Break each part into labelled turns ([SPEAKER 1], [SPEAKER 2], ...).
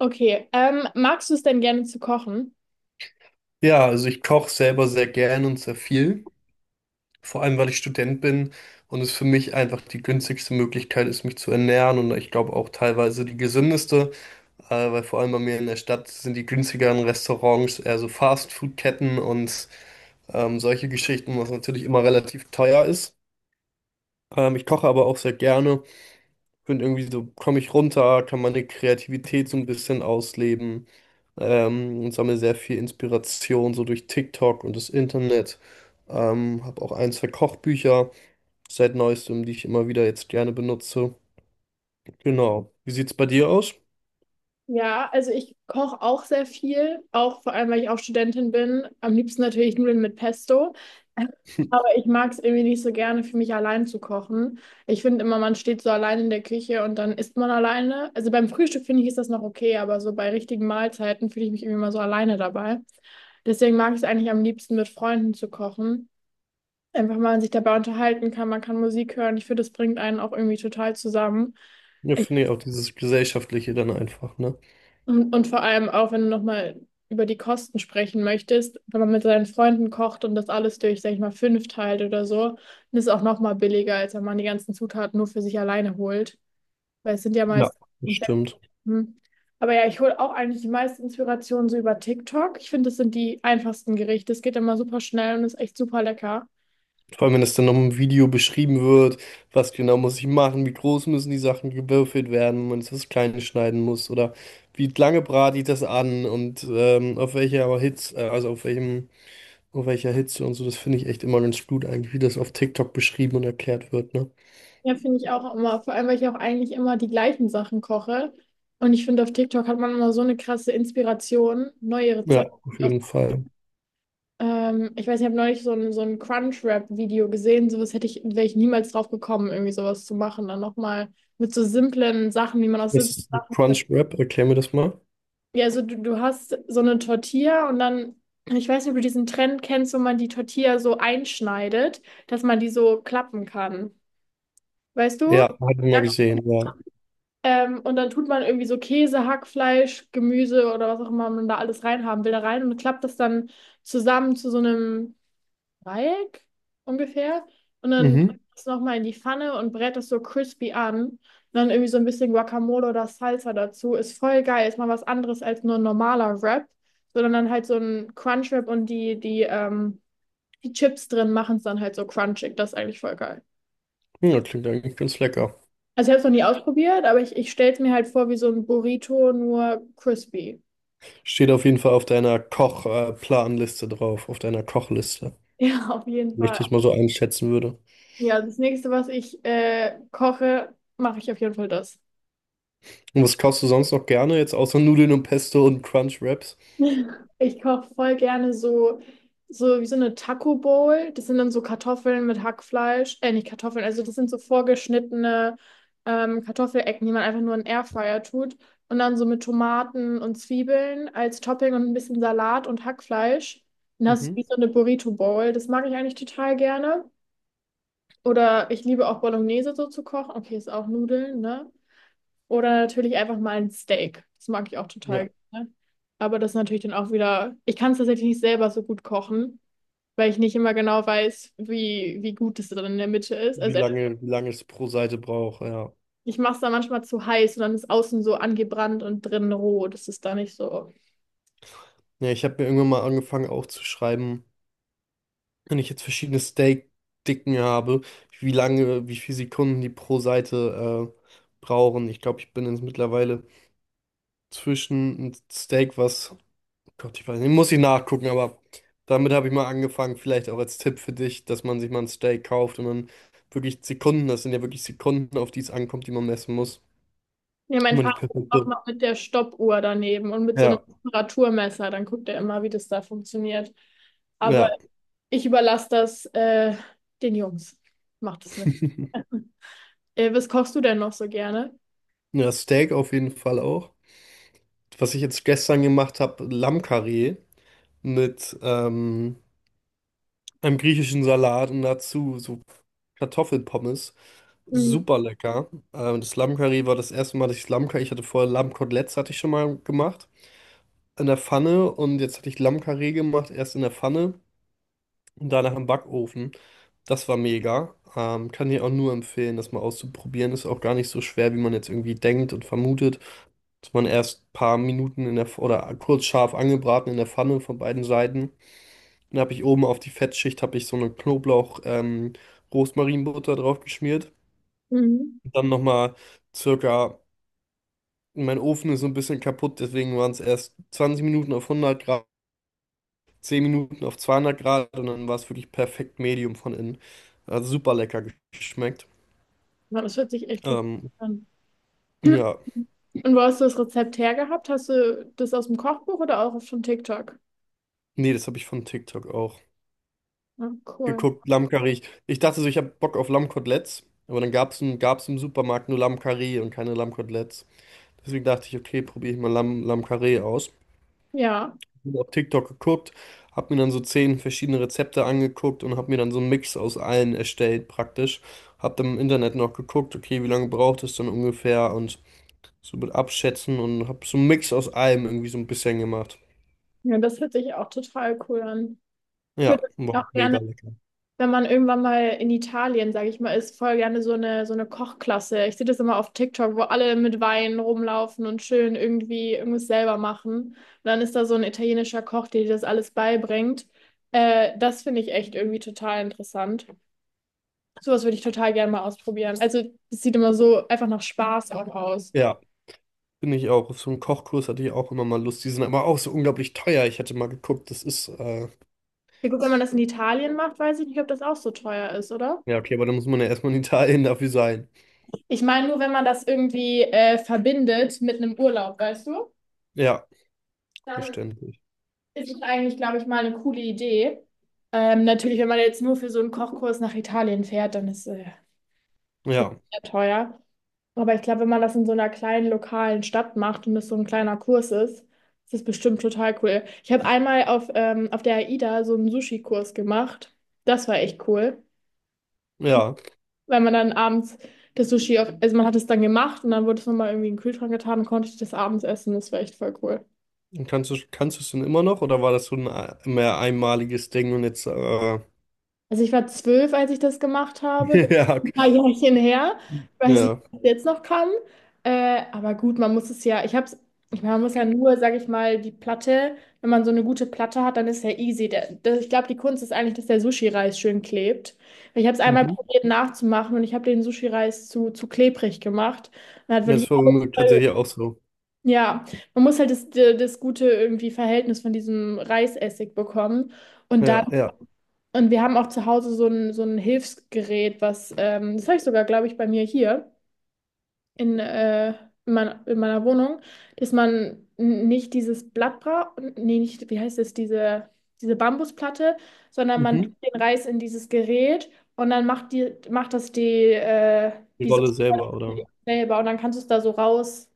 [SPEAKER 1] Okay, magst du es denn gerne zu kochen?
[SPEAKER 2] Ja, also ich koche selber sehr gern und sehr viel, vor allem weil ich Student bin und es für mich einfach die günstigste Möglichkeit ist, mich zu ernähren, und ich glaube auch teilweise die gesündeste, weil vor allem bei mir in der Stadt sind die günstigeren Restaurants eher so Fastfood-Ketten und solche Geschichten, was natürlich immer relativ teuer ist. Ich koche aber auch sehr gerne, und irgendwie so komme ich runter, kann meine Kreativität so ein bisschen ausleben, und sammle sehr viel Inspiration so durch TikTok und das Internet. Habe auch ein, zwei Kochbücher seit neuestem, die ich immer wieder jetzt gerne benutze. Genau. Wie sieht's bei dir aus?
[SPEAKER 1] Ja, also ich koche auch sehr viel, auch vor allem, weil ich auch Studentin bin. Am liebsten natürlich Nudeln mit Pesto. Aber ich mag es irgendwie nicht so gerne, für mich allein zu kochen. Ich finde immer, man steht so allein in der Küche und dann isst man alleine. Also beim Frühstück finde ich, ist das noch okay, aber so bei richtigen Mahlzeiten fühle ich mich irgendwie immer so alleine dabei. Deswegen mag ich es eigentlich am liebsten, mit Freunden zu kochen. Einfach mal sich dabei unterhalten kann, man kann Musik hören. Ich finde, das bringt einen auch irgendwie total zusammen.
[SPEAKER 2] Ja, finde ich auch, dieses Gesellschaftliche dann einfach, ne?
[SPEAKER 1] Und vor allem auch, wenn du nochmal über die Kosten sprechen möchtest, wenn man mit seinen Freunden kocht und das alles durch, sag ich mal, fünf teilt oder so, dann ist es auch nochmal billiger, als wenn man die ganzen Zutaten nur für sich alleine holt. Weil es sind ja
[SPEAKER 2] Ja.
[SPEAKER 1] meist komplett.
[SPEAKER 2] Bestimmt.
[SPEAKER 1] Hm. Aber ja, ich hole auch eigentlich die meiste Inspiration so über TikTok. Ich finde, das sind die einfachsten Gerichte. Es geht immer super schnell und ist echt super lecker.
[SPEAKER 2] Vor allem, wenn es dann noch im Video beschrieben wird, was genau muss ich machen, wie groß müssen die Sachen gewürfelt werden, wenn man es, was Kleines schneiden muss, oder wie lange brate ich das an und auf welcher Hitze, also auf welcher Hitze und so. Das finde ich echt immer ganz gut eigentlich, wie das auf TikTok beschrieben und erklärt wird, ne?
[SPEAKER 1] Ja, finde ich auch immer, vor allem, weil ich auch eigentlich immer die gleichen Sachen koche. Und ich finde, auf TikTok hat man immer so eine krasse Inspiration, neue Rezepte.
[SPEAKER 2] Ja, auf jeden Fall.
[SPEAKER 1] Ich weiß, ich habe neulich so ein Crunchwrap-Video gesehen. Sowas hätte ich, wäre ich niemals drauf gekommen, irgendwie sowas zu machen. Dann nochmal mit so simplen Sachen, wie man aus
[SPEAKER 2] Das
[SPEAKER 1] simplen
[SPEAKER 2] ist ein
[SPEAKER 1] Sachen.
[SPEAKER 2] Crunchwrap, erklär mir das mal.
[SPEAKER 1] Ja, also du hast so eine Tortilla und dann, ich weiß nicht, ob du diesen Trend kennst, wo man die Tortilla so einschneidet, dass man die so klappen kann. Weißt du?
[SPEAKER 2] Ja, habe ich mal
[SPEAKER 1] Ja.
[SPEAKER 2] gesehen, ja.
[SPEAKER 1] Und dann tut man irgendwie so Käse, Hackfleisch, Gemüse oder was auch immer man da alles reinhaben will, da rein und klappt das dann zusammen zu so einem Dreieck ungefähr. Und dann
[SPEAKER 2] Mhm.
[SPEAKER 1] das nochmal in die Pfanne und brät das so crispy an. Und dann irgendwie so ein bisschen Guacamole oder Salsa dazu. Ist voll geil. Ist mal was anderes als nur ein normaler Wrap. Sondern dann halt so ein Crunchwrap und die Chips drin machen es dann halt so crunchig. Das ist eigentlich voll geil.
[SPEAKER 2] Ja, klingt eigentlich ganz lecker.
[SPEAKER 1] Also ich habe es noch nie ausprobiert, aber ich stelle es mir halt vor wie so ein Burrito, nur crispy.
[SPEAKER 2] Steht auf jeden Fall auf deiner Koch-Planliste drauf, auf deiner Kochliste,
[SPEAKER 1] Ja, auf jeden
[SPEAKER 2] wenn ich
[SPEAKER 1] Fall.
[SPEAKER 2] das mal so einschätzen würde.
[SPEAKER 1] Ja, das nächste, was ich koche, mache ich auf jeden Fall das.
[SPEAKER 2] Und was kaufst du sonst noch gerne, jetzt außer Nudeln und Pesto und Crunch Wraps?
[SPEAKER 1] Ich koche voll gerne so wie so eine Taco Bowl. Das sind dann so Kartoffeln mit Hackfleisch. Nicht Kartoffeln, also das sind so vorgeschnittene Kartoffelecken, die man einfach nur in den Airfryer tut. Und dann so mit Tomaten und Zwiebeln als Topping und ein bisschen Salat und Hackfleisch. Dann hast du wie
[SPEAKER 2] Mhm.
[SPEAKER 1] so eine Burrito Bowl. Das mag ich eigentlich total gerne. Oder ich liebe auch Bolognese so zu kochen. Okay, ist auch Nudeln, ne? Oder natürlich einfach mal ein Steak. Das mag ich auch
[SPEAKER 2] Ja,
[SPEAKER 1] total gerne. Aber das ist natürlich dann auch wieder, ich kann es tatsächlich nicht selber so gut kochen, weil ich nicht immer genau weiß, wie gut es dann in der Mitte ist. Also
[SPEAKER 2] wie lange es pro Seite braucht, ja.
[SPEAKER 1] ich mache es dann manchmal zu heiß und dann ist außen so angebrannt und drinnen roh. Das ist da nicht so.
[SPEAKER 2] Ja, ich habe mir irgendwann mal angefangen aufzuschreiben, wenn ich jetzt verschiedene Steak-Dicken habe, wie lange, wie viele Sekunden die pro Seite brauchen. Ich glaube, ich bin jetzt mittlerweile zwischen ein Steak, was, Gott, ich weiß nicht, muss ich nachgucken, aber damit habe ich mal angefangen, vielleicht auch als Tipp für dich, dass man sich mal ein Steak kauft und dann wirklich Sekunden, das sind ja wirklich Sekunden, auf die es ankommt, die man messen muss.
[SPEAKER 1] Ja, mein
[SPEAKER 2] Immer die
[SPEAKER 1] Vater ist auch
[SPEAKER 2] perfekte.
[SPEAKER 1] noch mit der Stoppuhr daneben und mit so einem
[SPEAKER 2] Ja,
[SPEAKER 1] Temperaturmesser. Dann guckt er immer, wie das da funktioniert. Aber
[SPEAKER 2] ja.
[SPEAKER 1] ich überlasse das den Jungs. Macht es nicht. Was kochst du denn noch so gerne?
[SPEAKER 2] Ja, Steak auf jeden Fall auch. Was ich jetzt gestern gemacht habe, Lammkarree mit einem griechischen Salat und dazu so Kartoffelpommes.
[SPEAKER 1] Mhm.
[SPEAKER 2] Super lecker. Das Lammkarree war das erste Mal, dass ich Lammkarree, ich hatte vorher Lammkoteletts, hatte ich schon mal gemacht in der Pfanne, und jetzt hatte ich Lammkarree gemacht, erst in der Pfanne und danach im Backofen. Das war mega. Kann ich auch nur empfehlen, das mal auszuprobieren. Ist auch gar nicht so schwer, wie man jetzt irgendwie denkt und vermutet. Dass man erst ein paar Minuten in der, oder kurz scharf angebraten in der Pfanne von beiden Seiten. Dann habe ich, oben auf die Fettschicht habe ich so eine Knoblauch-, Rosmarinbutter drauf geschmiert.
[SPEAKER 1] Mhm.
[SPEAKER 2] Und dann nochmal circa, mein Ofen ist so ein bisschen kaputt, deswegen waren es erst 20 Minuten auf 100 Grad. 10 Minuten auf 200 Grad, und dann war es wirklich perfekt Medium von innen. Hat super lecker geschmeckt.
[SPEAKER 1] Ja, das hört sich echt richtig
[SPEAKER 2] Ähm,
[SPEAKER 1] an.
[SPEAKER 2] ja,
[SPEAKER 1] Und wo hast du das Rezept hergehabt? Hast du das aus dem Kochbuch oder auch von TikTok?
[SPEAKER 2] nee, das habe ich von TikTok auch
[SPEAKER 1] Ja, cool.
[SPEAKER 2] geguckt. Lammkarree. Ich dachte so, ich habe Bock auf Lammkoteletts, aber dann gab's im Supermarkt nur Lammkarree und keine Lammkoteletts. Deswegen dachte ich, okay, probiere ich mal Lammkarree aus.
[SPEAKER 1] Ja,
[SPEAKER 2] Hab auf TikTok geguckt, habe mir dann so 10 verschiedene Rezepte angeguckt und habe mir dann so einen Mix aus allen erstellt praktisch. Habe dann im Internet noch geguckt, okay, wie lange braucht es dann ungefähr, und so mit Abschätzen, und habe so einen Mix aus allem irgendwie so ein bisschen gemacht.
[SPEAKER 1] ja, das hört sich auch total cool an. Ich würde
[SPEAKER 2] Ja, war
[SPEAKER 1] auch
[SPEAKER 2] mega
[SPEAKER 1] gerne
[SPEAKER 2] lecker.
[SPEAKER 1] wenn man irgendwann mal in Italien, sage ich mal, ist, voll gerne so eine Kochklasse. Ich sehe das immer auf TikTok, wo alle mit Wein rumlaufen und schön irgendwie irgendwas selber machen. Und dann ist da so ein italienischer Koch, der dir das alles beibringt. Das finde ich echt irgendwie total interessant. Sowas würde ich total gerne mal ausprobieren. Also, es sieht immer so einfach nach Spaß auch aus.
[SPEAKER 2] Ja, bin ich auch. Auf so einen Kochkurs hatte ich auch immer mal Lust. Die sind aber auch so unglaublich teuer. Ich hatte mal geguckt, das ist,
[SPEAKER 1] Ja, gut, wenn man das in Italien macht, weiß ich nicht, ob das auch so teuer ist, oder?
[SPEAKER 2] ja, okay, aber da muss man ja erstmal in Italien dafür sein.
[SPEAKER 1] Ich meine nur, wenn man das irgendwie verbindet mit einem Urlaub, weißt du?
[SPEAKER 2] Ja,
[SPEAKER 1] Dann
[SPEAKER 2] verständlich.
[SPEAKER 1] Es ist eigentlich, glaube ich, mal eine coole Idee. Natürlich, wenn man jetzt nur für so einen Kochkurs nach Italien fährt, dann ist es natürlich
[SPEAKER 2] Ja,
[SPEAKER 1] sehr teuer. Aber ich glaube, wenn man das in so einer kleinen lokalen Stadt macht und es so ein kleiner Kurs ist, ist das bestimmt total cool. Ich habe einmal auf der AIDA so einen Sushi-Kurs gemacht. Das war echt cool,
[SPEAKER 2] ja.
[SPEAKER 1] weil man dann abends das Sushi, auf, also man hat es dann gemacht und dann wurde es nochmal irgendwie in den Kühlschrank getan und konnte ich das abends essen. Das war echt voll cool.
[SPEAKER 2] Und kannst du es denn immer noch, oder war das so ein mehr einmaliges Ding und jetzt,
[SPEAKER 1] Also ich war 12, als ich das gemacht habe. Das ist
[SPEAKER 2] ja,
[SPEAKER 1] ein
[SPEAKER 2] okay.
[SPEAKER 1] paar Jährchen her. Ich weiß nicht, ob
[SPEAKER 2] Ja,
[SPEAKER 1] ich das jetzt noch kann. Aber gut, man muss es ja, ich hab's, ich meine, man muss ja nur, sag ich mal, die Platte, wenn man so eine gute Platte hat, dann ist ja easy. Der, der, ich glaube, die Kunst ist eigentlich, dass der Sushi-Reis schön klebt. Weil ich habe es einmal
[SPEAKER 2] mhm.
[SPEAKER 1] probiert nachzumachen und ich habe den Sushi-Reis zu klebrig gemacht. Und hat
[SPEAKER 2] Jetzt
[SPEAKER 1] wirklich alles
[SPEAKER 2] vermögen
[SPEAKER 1] voll.
[SPEAKER 2] tatsächlich auch so.
[SPEAKER 1] Ja, man muss halt das, das gute irgendwie Verhältnis von diesem Reisessig bekommen. Und da
[SPEAKER 2] Ja, ja,
[SPEAKER 1] wir haben auch zu Hause so ein Hilfsgerät, was, das habe ich sogar, glaube ich, bei mir hier in, äh, in meiner Wohnung, dass man nicht dieses Blatt braucht, nee, nicht, wie heißt es, diese, diese Bambusplatte, sondern man tut
[SPEAKER 2] mhm.
[SPEAKER 1] den Reis in dieses Gerät und dann macht die, macht das die, äh,
[SPEAKER 2] Die
[SPEAKER 1] diese
[SPEAKER 2] Rolle selber, oder?
[SPEAKER 1] Rolle selber und dann kannst du es da so raus.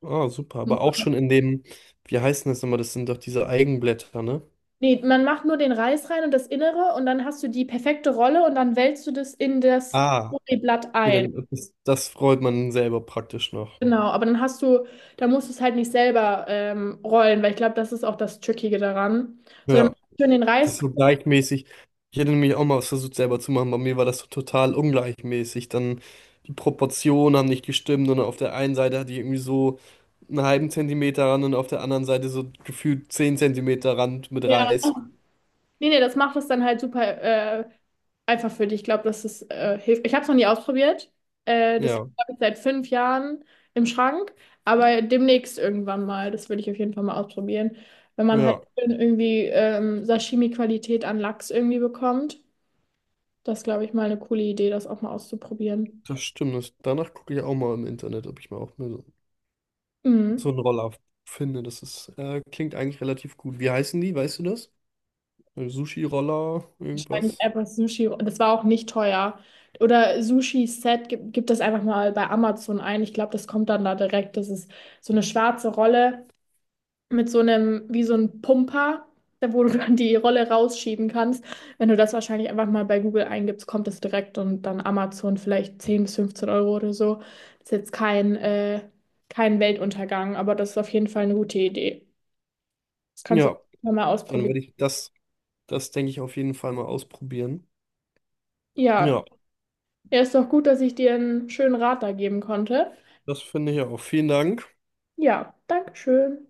[SPEAKER 2] Ah, super. Aber auch schon in dem, wie heißen das immer? Das sind doch diese Eigenblätter, ne?
[SPEAKER 1] Nee, man macht nur den Reis rein und das Innere und dann hast du die perfekte Rolle und dann wälzt du das in das
[SPEAKER 2] Ah.
[SPEAKER 1] Blatt
[SPEAKER 2] Okay,
[SPEAKER 1] ein.
[SPEAKER 2] dann, das, das freut man selber praktisch noch.
[SPEAKER 1] Genau, aber dann hast du, da musst du es halt nicht selber rollen, weil ich glaube, das ist auch das Trickige daran. Sondern
[SPEAKER 2] Ja,
[SPEAKER 1] schön den
[SPEAKER 2] das
[SPEAKER 1] Reis.
[SPEAKER 2] ist so gleichmäßig. Ich hätte nämlich auch mal was versucht selber zu machen. Bei mir war das so total ungleichmäßig. Dann die Proportionen haben nicht gestimmt, und auf der einen Seite hatte ich irgendwie so einen halben Zentimeter Rand, und auf der anderen Seite so gefühlt 10 Zentimeter Rand mit
[SPEAKER 1] Ja.
[SPEAKER 2] Reis.
[SPEAKER 1] Nee, nee, das macht es dann halt super äh, einfach für dich. Ich glaube, das ist hilft. Ich habe es noch nie ausprobiert. Das
[SPEAKER 2] Ja,
[SPEAKER 1] habe ich seit 5 Jahren im Schrank, aber demnächst irgendwann mal. Das würde ich auf jeden Fall mal ausprobieren. Wenn man halt
[SPEAKER 2] ja,
[SPEAKER 1] schön irgendwie Sashimi-Qualität an Lachs irgendwie bekommt, das glaube ich mal eine coole Idee, das auch mal auszuprobieren.
[SPEAKER 2] das stimmt. Das, danach gucke ich auch mal im Internet, ob ich mal auch mal so
[SPEAKER 1] Mhm.
[SPEAKER 2] einen Roller finde. Das ist, klingt eigentlich relativ gut. Wie heißen die? Weißt du das? Sushi-Roller,
[SPEAKER 1] Wahrscheinlich
[SPEAKER 2] irgendwas.
[SPEAKER 1] einfach Sushi. Das war auch nicht teuer. Oder Sushi-Set, gib das einfach mal bei Amazon ein. Ich glaube, das kommt dann da direkt. Das ist so eine schwarze Rolle mit so einem, wie so ein Pumper, da wo du dann die Rolle rausschieben kannst. Wenn du das wahrscheinlich einfach mal bei Google eingibst, kommt das direkt und dann Amazon vielleicht 10 bis 15 Euro oder so. Ist jetzt kein, kein Weltuntergang, aber das ist auf jeden Fall eine gute Idee. Das kannst du
[SPEAKER 2] Ja,
[SPEAKER 1] auch mal
[SPEAKER 2] dann
[SPEAKER 1] ausprobieren.
[SPEAKER 2] werde ich das, das denke ich auf jeden Fall mal ausprobieren.
[SPEAKER 1] Ja,
[SPEAKER 2] Ja,
[SPEAKER 1] Ja, ist doch gut, dass ich dir einen schönen Rat da geben konnte.
[SPEAKER 2] das finde ich auch. Vielen Dank.
[SPEAKER 1] Ja, Dankeschön.